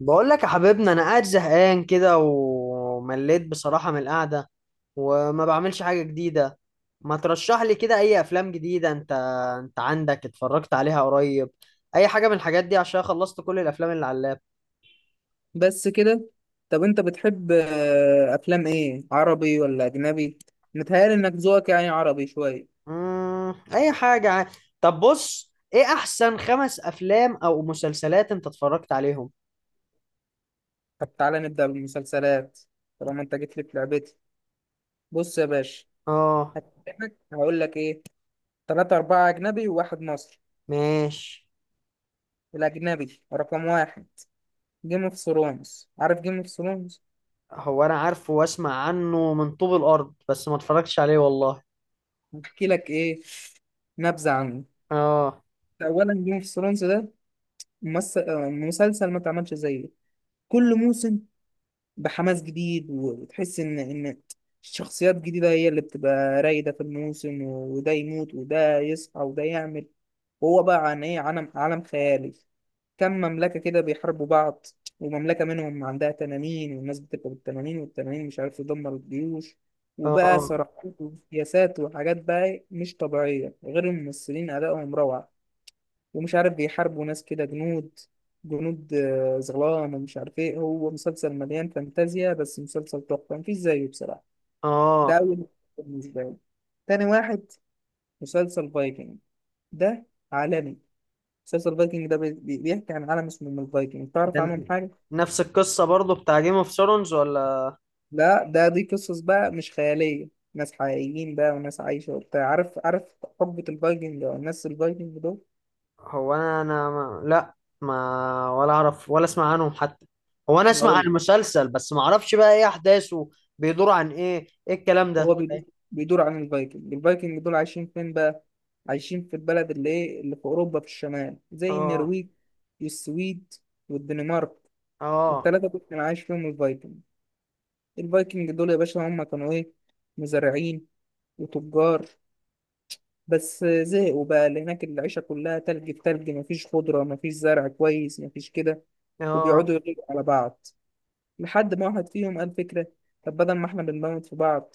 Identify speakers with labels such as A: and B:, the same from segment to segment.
A: بقول لك يا حبيبنا، انا قاعد زهقان كده ومليت بصراحة من القعدة وما بعملش حاجة جديدة. ما ترشح لي كده اي افلام جديدة انت؟ انت عندك اتفرجت عليها قريب اي حاجة من الحاجات دي، عشان خلصت كل الافلام اللي على اللاب.
B: بس كده. طب انت بتحب افلام ايه، عربي ولا اجنبي؟ متهيألي انك ذوقك يعني عربي شويه.
A: اي حاجة طب بص، ايه احسن خمس افلام او مسلسلات انت اتفرجت عليهم؟
B: طب تعالى نبدأ بالمسلسلات، طالما انت جيت لي في لعبتي. بص يا باشا،
A: اه.
B: هكلمك هقول لك ايه. 3 4 أجنبي و1 مصري.
A: ماشي.
B: الأجنبي رقم 1 جيم اوف ثرونز، عارف جيم اوف ثرونز؟
A: هو انا عارفه واسمع عنه من طوب الارض، بس ما اتفرجتش عليه والله.
B: هحكي لك ايه، نبذة عنه.
A: اه.
B: أولا جيم اوف ثرونز ده مسلسل ما اتعملش زيه. كل موسم بحماس جديد، وتحس ان الشخصيات الجديده هي اللي بتبقى رايده في الموسم، وده يموت وده يصحى وده يعمل. وهو بقى عن ايه؟ عالم خيالي، كم مملكه كده بيحاربوا بعض، ومملكه منهم عندها تنانين، والناس بتبقى بالتنانين، والتنانين مش عارف تدمر الجيوش، وبقى
A: اه.
B: صراعات وسياسات وحاجات بقى مش طبيعيه، غير الممثلين ادائهم روعه. ومش عارف بيحاربوا ناس كده جنود. جنود زغلان ومش عارف ايه. هو مسلسل مليان فانتازيا، بس مسلسل تحفة مفيش زيه بصراحة. ده
A: اه.
B: أول مسلسل بالنسبة لي. تاني واحد مسلسل فايكنج. ده عالمي. مسلسل فايكنج ده بيحكي عن عالم اسمه من الفايكنج. تعرف
A: ده
B: عنهم حاجة؟
A: نفس القصة برضو بتاع جيم اوف ثرونز ولا؟
B: لا، ده دي قصص بقى مش خيالية، ناس حقيقيين بقى وناس عايشة وبتاع، عارف حقبة الفايكنج أو الناس الفايكنج دول.
A: هو انا ما... لا، ما ولا اعرف ولا اسمع عنهم حتى. هو انا اسمع عن
B: هقول.
A: المسلسل، بس ما اعرفش بقى ايه احداثه. بيدور عن ايه، ايه الكلام ده؟
B: هو بيدور، بيدور عن الفايكنج دول عايشين فين بقى؟ عايشين في البلد اللي ايه، اللي في اوروبا في الشمال، زي
A: اه.
B: النرويج والسويد والدنمارك.
A: اه.
B: الـ3 دول كان عايش فيهم الفايكنج. الفايكنج دول يا باشا هم كانوا ايه؟ مزارعين وتجار. بس زهقوا بقى، اللي هناك العيشة كلها تلج في تلج، مفيش خضرة، مفيش زرع كويس، مفيش كده.
A: اه.
B: وبيقعدوا يغيروا على بعض، لحد ما واحد فيهم قال فكرة. طب بدل ما احنا بنموت في بعض،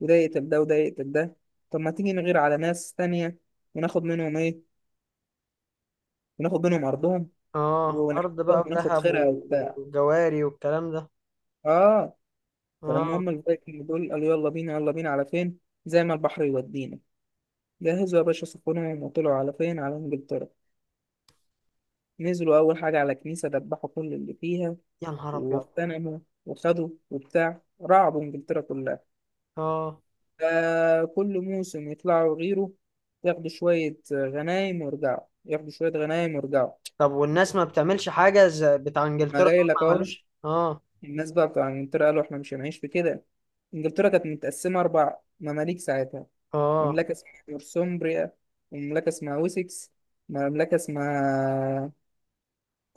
B: وده يقتل ده وده يقتل ده، طب ما تيجي نغير على ناس تانية وناخد منهم ايه، وناخد منهم أرضهم،
A: اه ارض
B: ونحتلهم
A: بقى
B: وناخد
A: بذهب
B: خيرها وبتاع.
A: وجواري والكلام ده.
B: اه.
A: اه.
B: فالمهم الفايكنج دول قالوا يلا بينا، يلا بينا على فين، زي ما البحر يودينا. جهزوا يا باشا سفنهم وطلعوا على فين؟ على إنجلترا. نزلوا أول حاجة على كنيسة، دبحوا كل اللي فيها
A: يا نهار ابيض.
B: واغتنموا وخدوا وبتاع، رعبوا إنجلترا كلها.
A: اه.
B: آه كل موسم يطلعوا غيره، ياخدوا شوية غنايم ويرجعوا، ياخدوا شوية غنايم ويرجعوا.
A: طب والناس ما بتعملش حاجة زي بتاع
B: ما
A: انجلترا دول؟
B: جاي لك
A: ما
B: اهو.
A: عملوش، اه.
B: الناس بقى بتوع انجلترا قالوا احنا مش هنعيش في كده. انجلترا كانت متقسمة 4 مماليك ساعتها.
A: اه.
B: مملكة اسمها نورثومبريا، ومملكة اسمها ويسكس، مملكة اسمها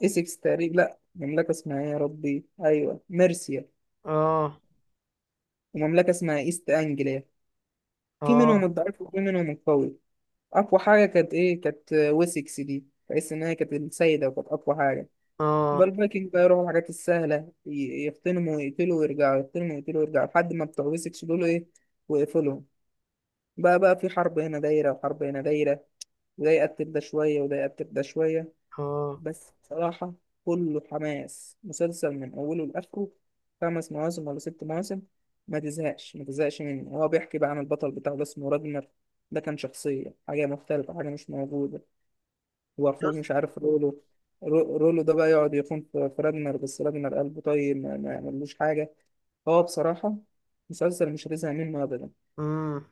B: إسكس تقريبا، لأ مملكة اسمها إيه يا ربي، أيوه ميرسيا،
A: اه.
B: ومملكة اسمها إيست أنجليا. في منهم
A: اه.
B: الضعيف وفي منهم القوي. اقوى حاجه كانت ايه؟ كانت ويسكس دي، بحيث ان هي كانت السيده وكانت اقوى حاجه. يبقى
A: اه.
B: الفايكنج بقى يروحوا الحاجات السهله، يغتنموا ويقتلوا ويرجعوا، يغتنموا ويقتلوا ويرجعوا، لحد ما بتوع ويسكس دول ايه، ويقفلهم. بقى في حرب هنا دايره وحرب هنا دايره، وده يقتل ده شويه وده يقتل ده شويه.
A: اه.
B: بس بصراحه كله حماس، مسلسل من اوله لاخره. 5 مواسم ولا 6 مواسم، ما تزهقش ما تزهقش منه. هو بيحكي بقى عن البطل بتاعه، ده اسمه راجنر. ده كان شخصية حاجة مختلفة، حاجة مش موجودة. واخوه مش عارف رولو. رولو ده بقى يقعد يخون في راجنر، بس راجنر قلبه طيب ما يعملوش حاجه. هو بصراحه مسلسل مش رزق منه ابدا.
A: امم.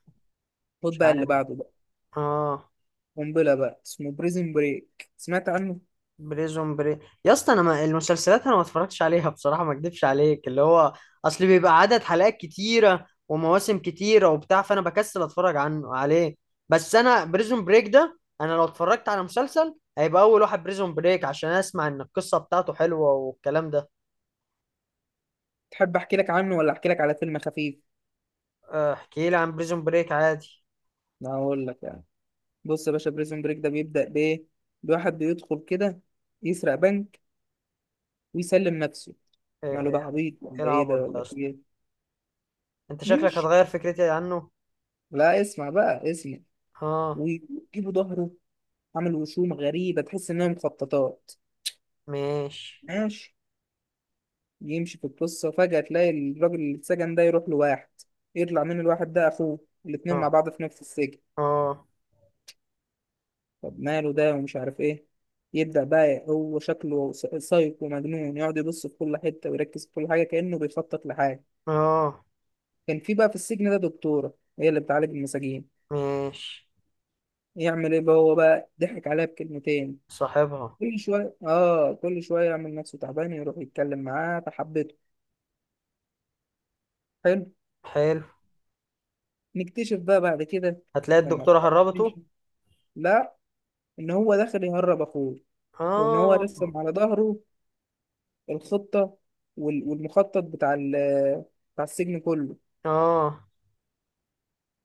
B: خد
A: مش
B: بقى اللي
A: عارف.
B: بعده بقى،
A: اه.
B: قنبله بقى، اسمه بريزن بريك، سمعت عنه؟
A: بريزون بري، يا اسطى انا ما المسلسلات، انا ما اتفرجتش عليها بصراحه، ما اكدبش عليك، اللي هو اصل بيبقى عدد حلقات كتيره ومواسم كتيره وبتاع، فانا بكسل اتفرج عليه. بس انا بريزون بريك ده، انا لو اتفرجت على مسلسل هيبقى اول واحد بريزون بريك، عشان اسمع ان القصه بتاعته حلوه والكلام ده.
B: تحب احكي لك عنه ولا احكي لك على فيلم خفيف؟
A: آه، احكي لي عن بريزون بريك عادي.
B: انا هقول لك يعني. بص يا باشا، بريزن بريك ده بيبدا بايه؟ بواحد بيدخل كده يسرق بنك ويسلم نفسه.
A: ايه،
B: قال له ده عبيط
A: إيه
B: ولا ايه
A: العبط
B: ده،
A: ده
B: ولا
A: يا
B: في
A: اسطى؟
B: ايه؟
A: انت شكلك
B: ماشي.
A: هتغير فكرتي عنه.
B: لا اسمع بقى اسمع.
A: اه.
B: ويجيبوا ظهره عامل وشوم غريبة تحس إنها مخططات.
A: ماشي.
B: ماشي. يمشي في القصة، فجأة تلاقي الراجل اللي اتسجن ده يروح لواحد، يطلع من الواحد ده أخوه، الاتنين
A: اه.
B: مع بعض في نفس السجن.
A: اه.
B: طب ماله ده ومش عارف إيه. يبدأ بقى هو، شكله سايكو مجنون، يقعد يبص في كل حتة ويركز في كل حاجة كأنه بيخطط لحاجة.
A: اه.
B: كان في بقى في السجن ده دكتورة، هي اللي بتعالج المساجين.
A: ماشي.
B: يعمل إيه بقى هو بقى؟ ضحك عليها بكلمتين.
A: صاحبها.
B: كل شوية آه كل شوية يعمل نفسه تعبان، يروح يتكلم معاه، فحبته. حلو.
A: حلو.
B: نكتشف بقى بعد كده،
A: هتلاقي
B: لما
A: الدكتورة
B: الخط
A: هربته.
B: تمشي، لا، ان هو داخل يهرب اخوه. وان هو
A: اه.
B: رسم على ظهره الخطة، والمخطط بتاع السجن كله.
A: اه.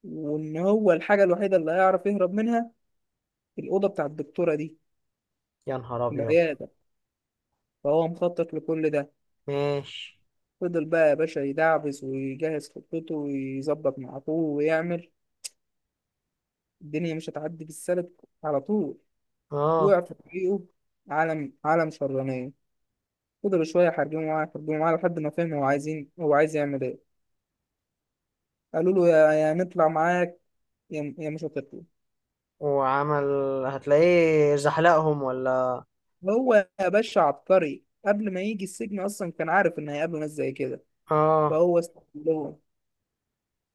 B: وان هو الحاجة الوحيدة اللي هيعرف يهرب منها الأوضة بتاع الدكتورة دي،
A: يا نهار ابيض.
B: العيادة. فهو مخطط لكل ده.
A: ماشي.
B: فضل بقى يا باشا يدعبس ويجهز خطته، ويظبط مع اخوه ويعمل. الدنيا مش هتعدي بالسلك على طول،
A: اه.
B: وقع في طريقه عالم شرانية. فضلوا شوية يحاربوه معاه يحاربوه معاه، لحد ما فهم هو عايزين، هو عايز يعمل إيه. قالوا له يا نطلع معاك، يا مش هتطلع.
A: وعمل، هتلاقيه زحلقهم ولا؟
B: هو يا باشا عبقري، قبل ما يجي السجن أصلا كان عارف إن هيقابله ناس زي كده،
A: اه.
B: فهو استغلهم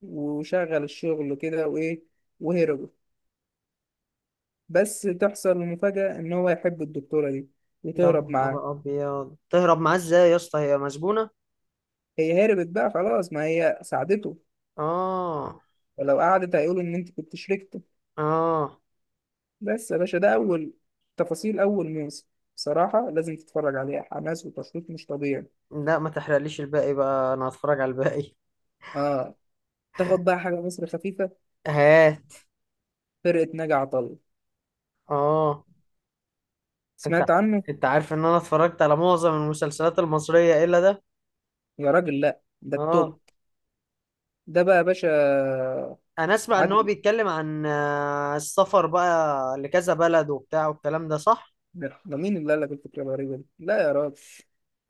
B: وشغل الشغل كده وإيه، وهربوا. بس تحصل المفاجأة إن هو يحب الدكتورة دي
A: يا
B: وتهرب معاه.
A: نهار ابيض، تهرب معاه ازاي يا اسطى، هي مسجونة؟
B: هي هربت بقى خلاص، ما هي ساعدته،
A: اه.
B: ولو قعدت هيقولوا إن أنت كنت شريك.
A: اه.
B: بس يا باشا ده أول، تفاصيل أول موسم، بصراحة لازم تتفرج عليها. حماس وتشويق مش طبيعي.
A: لا ما تحرقليش الباقي بقى، انا هتفرج على الباقي.
B: آه. تاخد بقى حاجة مصر خفيفة،
A: هات.
B: فرقة ناجي عطا الله،
A: اه. انت
B: سمعت عنه؟
A: انت عارف ان انا اتفرجت على معظم المسلسلات المصرية الا ده.
B: يا راجل لأ، ده التوب.
A: اه.
B: ده بقى يا باشا
A: انا اسمع ان هو
B: عادل.
A: بيتكلم عن السفر بقى لكذا بلد وبتاع والكلام ده، صح؟
B: ده مين اللي قال لك الفكرة الغريبة دي؟ لا يا راجل،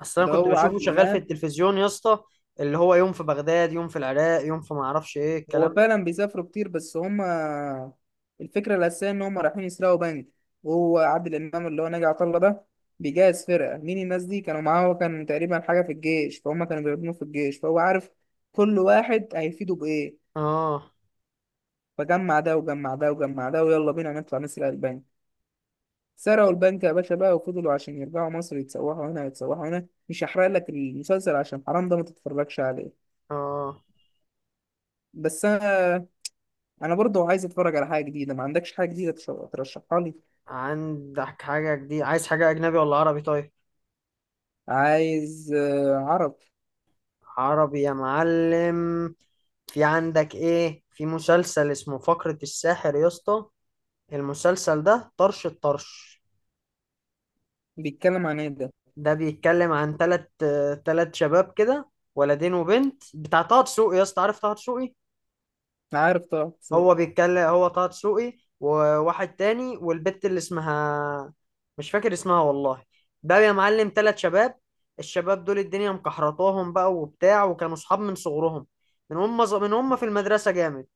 A: اصل انا
B: ده
A: كنت
B: هو
A: بشوفه
B: عادل
A: شغال في
B: إمام.
A: التلفزيون يا اسطى، اللي هو يوم في بغداد، يوم في العراق، يوم في ما اعرفش ايه
B: هو
A: الكلام ده.
B: فعلا بيسافروا كتير، بس هما الفكرة الأساسية إن هما رايحين يسرقوا بنك. وهو عادل إمام، اللي هو ناجي عطا الله ده، بيجهز فرقة. مين الناس دي؟ كانوا معاه، هو كان تقريبا حاجة في الجيش، فهم كانوا بيخدموه في الجيش، فهو عارف كل واحد هيفيده بإيه.
A: اه.
B: فجمع ده وجمع ده وجمع ده، ويلا بينا نطلع نسرق البنك. سرقوا البنك يا باشا بقى، وفضلوا عشان يرجعوا مصر، يتسوحوا هنا يتسوحوا هنا. مش هحرق لك المسلسل عشان حرام، ده ما تتفرجش عليه.
A: اه.
B: بس أنا، انا برضو عايز اتفرج على حاجه جديده. ما عندكش حاجه جديده ترشحها لي؟
A: عندك حاجة جديدة؟ عايز حاجة اجنبي ولا عربي؟ طيب،
B: عايز عرب.
A: عربي يا معلم. في عندك ايه، في مسلسل اسمه فقرة الساحر يا اسطى، المسلسل ده طرش الطرش.
B: بيتكلم عن ايه ده؟
A: ده بيتكلم عن تلت شباب كده، ولدين وبنت بتاع طه دسوقي، يا اسطى عارف طه دسوقي؟
B: عارف طبعا بس.
A: هو بيتكلم، هو طه دسوقي وواحد تاني والبت اللي اسمها، مش فاكر اسمها والله. بقى يا معلم تلات شباب، الشباب دول الدنيا مكحرطاهم بقى وبتاع، وكانوا صحاب من صغرهم، من هم في المدرسة جامد.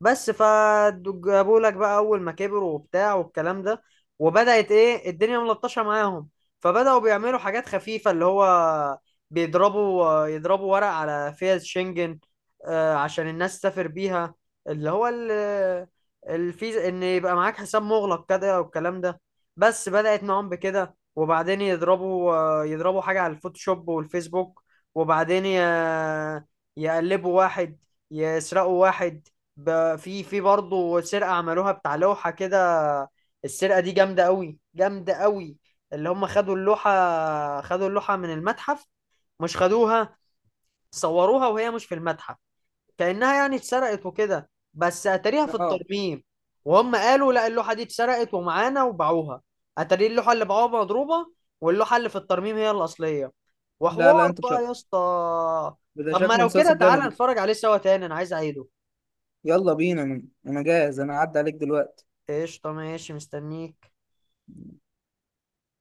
A: بس فجابوا لك بقى أول ما كبروا وبتاع والكلام ده، وبدأت إيه، الدنيا ملطشة معاهم. فبدأوا بيعملوا حاجات خفيفة، اللي هو بيضربوا يضربوا ورق على فيز شنجن، عشان الناس تسافر بيها، اللي هو الفيزا ان يبقى معاك حساب مغلق كده والكلام ده. بس بدأت معاهم بكده، وبعدين يضربوا حاجة على الفوتوشوب والفيسبوك. وبعدين يقلبوا واحد، يسرقوا واحد. في في برضه سرقة عملوها بتاع لوحة كده. السرقة دي جامدة قوي، جامدة قوي. اللي هم خدوا اللوحة، خدوا اللوحة من المتحف. مش خدوها، صوروها وهي مش في المتحف، كأنها يعني اتسرقت وكده، بس اتاريها في
B: اه.
A: الترميم. وهم قالوا لا، اللوحة دي اتسرقت ومعانا، وباعوها. اتاري اللوحة اللي باعوها مضروبة، واللوحة اللي في الترميم هي الأصلية.
B: لا لا،
A: وحوار
B: انت
A: بقى
B: شك.
A: يا اسطى.
B: ده
A: طب ما
B: شكله
A: لو كده
B: مسلسل
A: تعالى
B: جامد.
A: نتفرج عليه سوا تاني، انا عايز اعيده.
B: يلا بينا، انا جاهز، انا عدى عليك دلوقتي.
A: قشطة، ماشي، مستنيك.